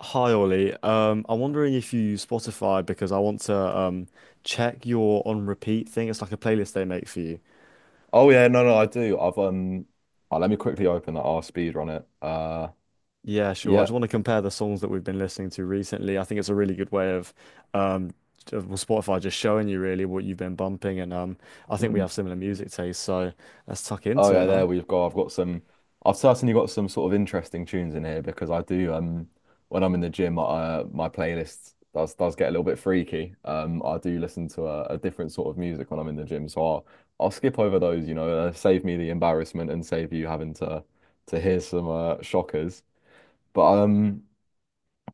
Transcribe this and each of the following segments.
Hi Ollie. I'm wondering if you use Spotify because I want to check your on repeat thing. It's like a playlist they make for you. Oh yeah, no, no, I do. I've Oh, let me quickly open that R speed on it. Yeah, sure. I Yeah. just want to compare the songs that we've been listening to recently. I think it's a really good way of um Spotify just showing you really what you've been bumping, and I think we Mm. have similar music tastes, so let's tuck Oh into it yeah, there now. we've got. I've got some. I've certainly got some sort of interesting tunes in here because I do. When I'm in the gym, my playlist does get a little bit freaky. I do listen to a different sort of music when I'm in the gym, so I'll skip over those. Save me the embarrassment and save you having to hear some shockers. But.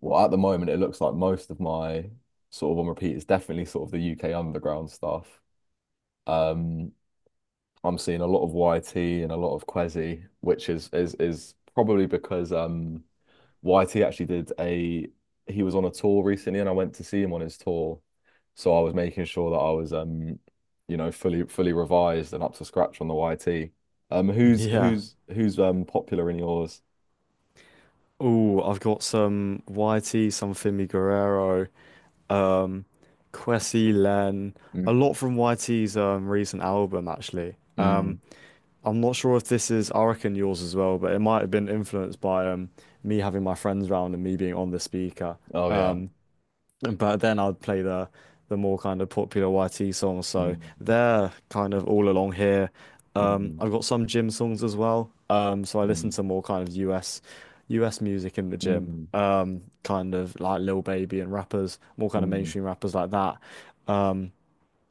Well, at the moment, it looks like most of my sort of on repeat is definitely sort of the UK underground stuff. Um, I'm seeing a lot of YT and a lot of Kwezi, which is probably because YT actually did a he was on a tour recently and I went to see him on his tour. So I was making sure that I was you know fully revised and up to scratch on the YT. Yeah. Who's popular in yours? Oh, I've got some YT, some Fimi Guerrero, um, Kwesi Len, a Mm. lot from YT's recent album actually. Mm. I'm not sure if this is, I reckon yours as well, but it might have been influenced by me having my friends round and me being on the speaker. Oh yeah. Um, but then I'd play the more kind of popular YT songs, so Mm. they're kind of all along here. Mm. I've got some gym songs as well, so I listen Mm. to more kind of US music in the gym, Mm. Kind of like Lil Baby and rappers, more kind of Mm. mainstream rappers like that. Um,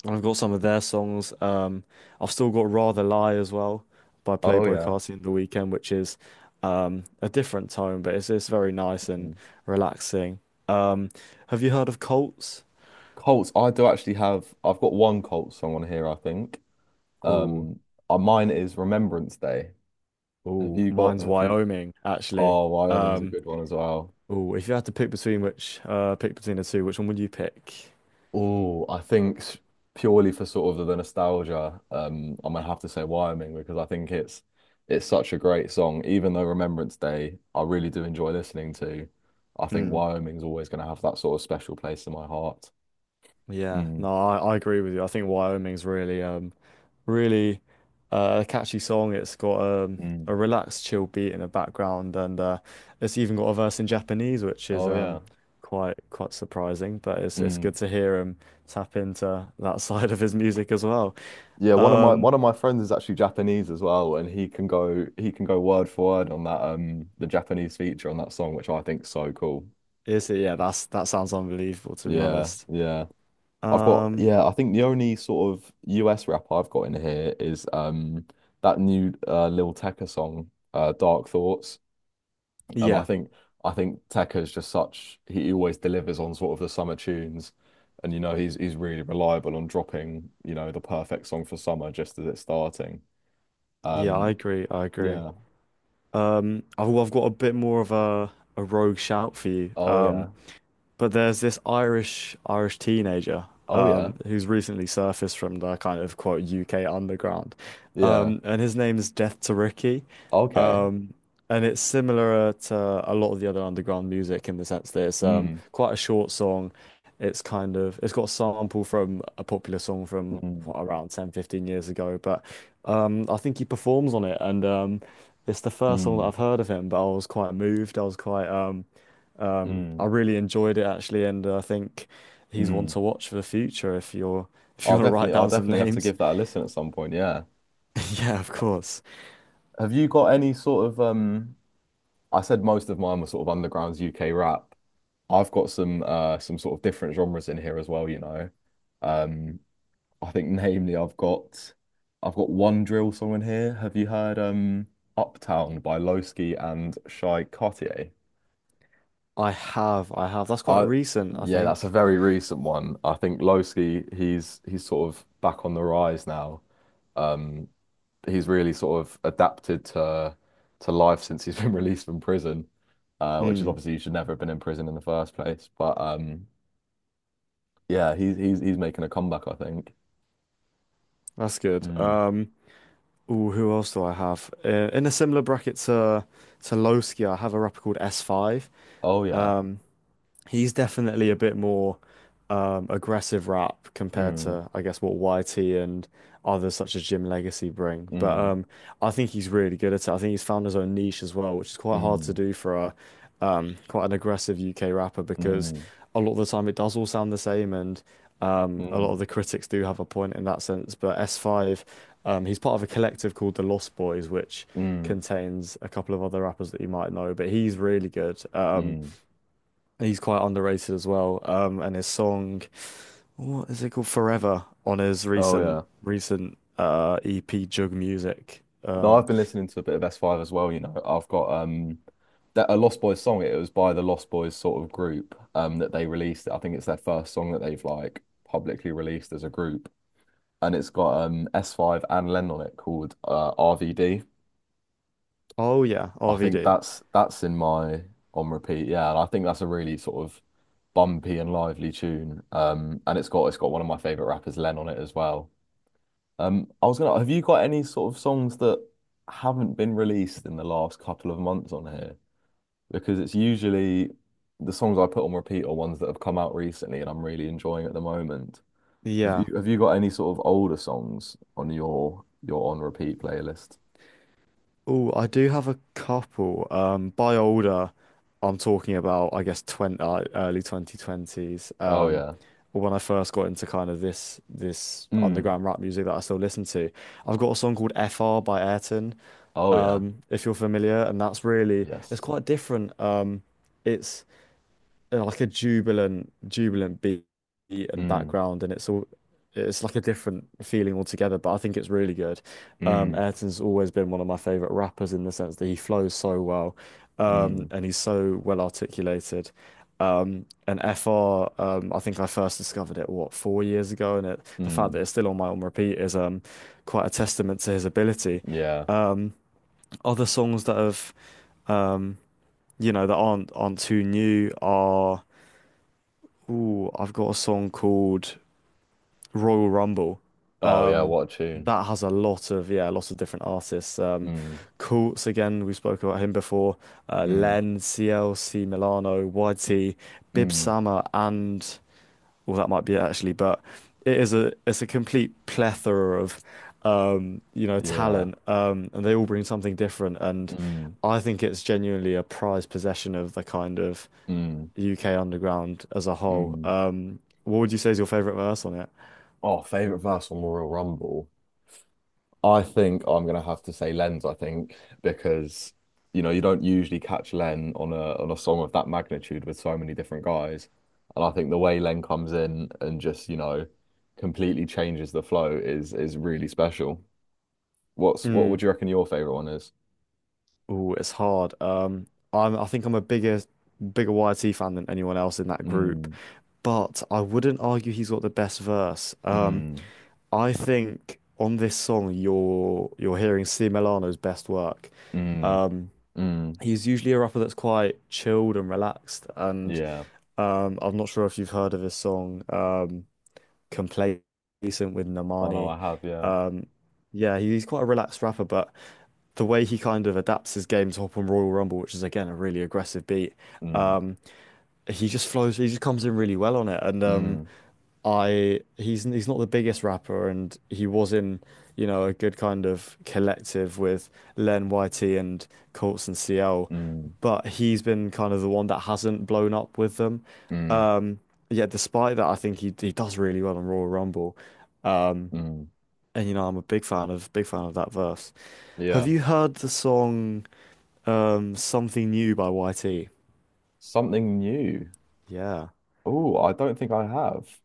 and I've got some of their songs. I've still got Rather Lie as well by Oh Playboi yeah. Carti and The Weeknd, which is a different tone, but it's very nice Mm. and relaxing. Um, have you heard of Colts? Colts, I do actually have, I've got one Colts song on here, I think. Ooh, Um Mine is Remembrance Day. Have ooh, you got mine's have you Wyoming, actually. Oh, Wyoming's a Um, good one as well. Ooh, if you had to pick between which pick between the two, which one would you pick? Oh, I think s- Purely for sort of the nostalgia, I'm gonna have to say Wyoming because I think it's such a great song. Even though Remembrance Day, I really do enjoy listening to. I think Hmm. Wyoming's always gonna have that sort of special place in my heart. Yeah, Mm. no, I agree with you. I think Wyoming's really really catchy song. It's got Mm. a relaxed, chill beat in the background, and it's even got a verse in Japanese, which is Oh yeah. Quite quite surprising. But it's Mm. good to hear him tap into that side of his music as well. Yeah, Um, one of my friends is actually Japanese as well, and he can go word for word on that the Japanese feature on that song, which I think's so cool. is it? Yeah, that's that sounds unbelievable to be Yeah, honest. yeah. Um, I think the only sort of US rap I've got in here is that new Lil Tecca song, uh, Dark Thoughts. I yeah, think Tecca is just such he always delivers on sort of the summer tunes and you know he's really reliable on dropping, you know, the perfect song for summer just as it's starting. yeah, I Um agree. I agree. yeah. I've got a bit more of a rogue shout for you. Oh Um, yeah. But there's this Irish teenager Oh yeah. who's recently surfaced from the kind of quote UK underground, Yeah. And his name is Death to Ricky, Okay. um, and it's similar to a lot of the other underground music in the sense that it's Mm. quite a short song. It's kind of it's got a sample from a popular song from Mm. what, around 10-15 ago, but I think he performs on it, and it's the first song that Mm. I've heard of him. But I was quite moved. I was quite I Mm. really enjoyed it actually, and I think he's one Mm. to watch for the future if you want to write I'll down some definitely have to names. give that a listen at some point, yeah. Yeah, of course. Have you got any sort of I said most of mine were sort of underground's UK rap. I've got some sort of different genres in here as well, you know. Um I think namely I've got one drill song in here. Have you heard Uptown by Lowski and Shy Cartier? I have, I have. That's quite I recent, I Yeah, that's a think. very recent one. I think Lowski, he's sort of back on the rise now. Um, he's really sort of adapted to life since he's been released from prison, which is Hmm, obviously you should never have been in prison in the first place. But Yeah, he's making a comeback, I think. that's good. Mm. Ooh, who else do I have? In a similar bracket to Lowski, I have a rapper called S5. Oh yeah. He's definitely a bit more aggressive rap compared Mm, to, I guess, what YT and others such as Jim Legacy bring. But mm, I think he's really good at it. I think he's found his own niche as well, which is quite hard to mm, do for a quite an aggressive UK rapper because mm, a lot of the time it does all sound the same, and mm, um, a lot mm, of the critics do have a point in that sense. But S5, he's part of a collective called the Lost Boys, which mm. contains a couple of other rappers that you might know, but he's really good. Um, Mm. He's quite underrated as well. And his song, what is it called? Forever on his Oh recent yeah. recent uh EP Jug Music. No, I've been listening to a bit of S5 as well, you know. I've got that a Lost Boys song. It was by the Lost Boys sort of group that they released. I think it's their first song that they've like publicly released as a group. And it's got S5 and Len on it called RVD. Oh yeah, I think RVD. That's in my on repeat, yeah. And I think that's a really sort of bumpy and lively tune. And it's got one of my favorite rappers, Len, on it as well. Have you got any sort of songs that haven't been released in the last couple of months on here? Because it's usually the songs I put on repeat are ones that have come out recently and I'm really enjoying at the moment. Yeah. Have you got any sort of older songs on your on repeat playlist? Oh, I do have a couple. By older, I'm talking about I guess 20, early 2020s. Oh yeah. When I first got into kind of this Mm. underground rap music that I still listen to, I've got a song called FR by Ayrton. Oh yeah. If you're familiar, and that's really it's Yes. quite different. It's Like a jubilant, jubilant beat and Mm. background, and it's all it's like a different feeling altogether. But I think it's really good. Mm. Ayrton's always been one of my favorite rappers in the sense that he flows so well, Mm. and he's so well articulated. And FR, I think I first discovered it what 4 years ago, and the fact Mm. that it's still on my on repeat is quite a testament to his ability. Yeah. Um, Other songs that have, um, that aren't too new are. Ooh, I've got a song called Royal Rumble. Oh yeah, Um, what a tune. that has a lot of yeah, a lot of different artists. Mm. Courts again, we spoke about him before. Mm. Len, CLC Milano, YT, Bib Mm. Sama, and well, that might be it actually, but it's a complete plethora of Yeah. talent, and they all bring something different. And Mm. I think it's genuinely a prized possession of the kind of Mm. UK underground as a whole. Mm. What would you say is your favorite verse on it? Oh, favorite verse from Royal Rumble. I think I'm gonna have to say Len's, I think, because you know, you don't usually catch Len on a song of that magnitude with so many different guys. And I think the way Len comes in and just, you know, completely changes the flow is really special. What's what would Mm. you reckon your favorite one is? Oh, it's hard. I think I'm a bigger YT fan than anyone else in that group, Mm, but I wouldn't argue he's got the best verse. Mm, I think on this song you're hearing C. Milano's best work. mm, Um, mm. he's usually a rapper that's quite chilled and relaxed, and Yeah. I'm not sure if you've heard of his song "Complacent" with Oh no, Normani. I have, yeah. Yeah, he's quite a relaxed rapper, but the way he kind of adapts his game to Hop on Royal Rumble, which is again a really aggressive beat. Mm, um, he just flows. He just comes in really well on it, and mm, I he's not the biggest rapper, and he was in you know a good kind of collective with Len YT and Colts and CL, mm, but he's been kind of the one that hasn't blown up with them. mm, Um, yeah, despite that, I think he does really well on Royal Rumble. Um, mm. and you know I'm a big fan of that verse. Have Yeah. you heard the song Something New by YT? Something new. Yeah. Oh, I don't think I have.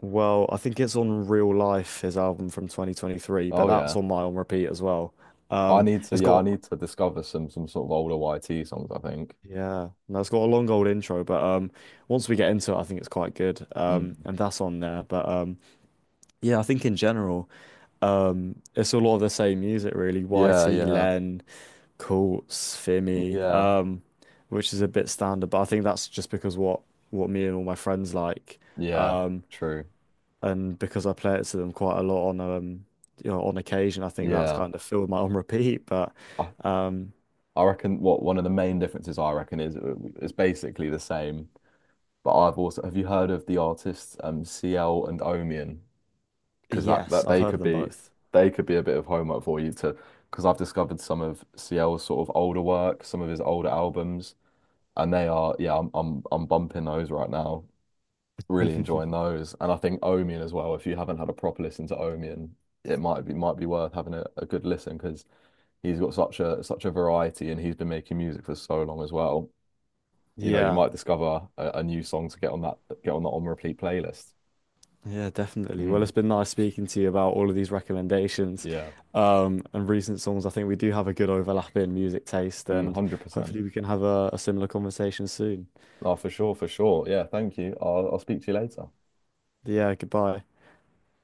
Well, I think it's on Real Life, his album from 2023, but Oh that's yeah. on my on repeat as well. It's I got need to discover some sort of older YT songs, I think. yeah, no, it's got a long old intro, but once we get into it, I think it's quite good. Mm. And that's on there, but yeah, I think in general, it's a lot of the same music really. Yeah, YT, yeah. Len, Courts, Fimi, Yeah. Which is a bit standard, but I think that's just because what me and all my friends like. Yeah. Um, True. and because I play it to them quite a lot on on occasion, I think that's Yeah. kind of filled my on repeat. But I, um I reckon what one of the main differences I reckon is basically the same. But I've also have you heard of the artists CL and Omian? Because yes, that I've they heard of could them be both. A bit of homework for you to, because I've discovered some of CL's sort of older work, some of his older albums. And they are, yeah, I'm bumping those right now, really enjoying those. And I think Omian as well, if you haven't had a proper listen to Omian, it might be worth having a good listen, because he's got such a variety, and he's been making music for so long as well. You know, you Yeah, might discover a new song to get on that, on repeat playlist. yeah, definitely. Well, it's Mm, been nice speaking to you about all of these recommendations yeah. And recent songs. I think we do have a good overlap in music taste, Mm, and 100%. hopefully we can have a similar conversation soon. Oh, for sure, for sure. Yeah, thank you. I'll speak to you later. Yeah, goodbye.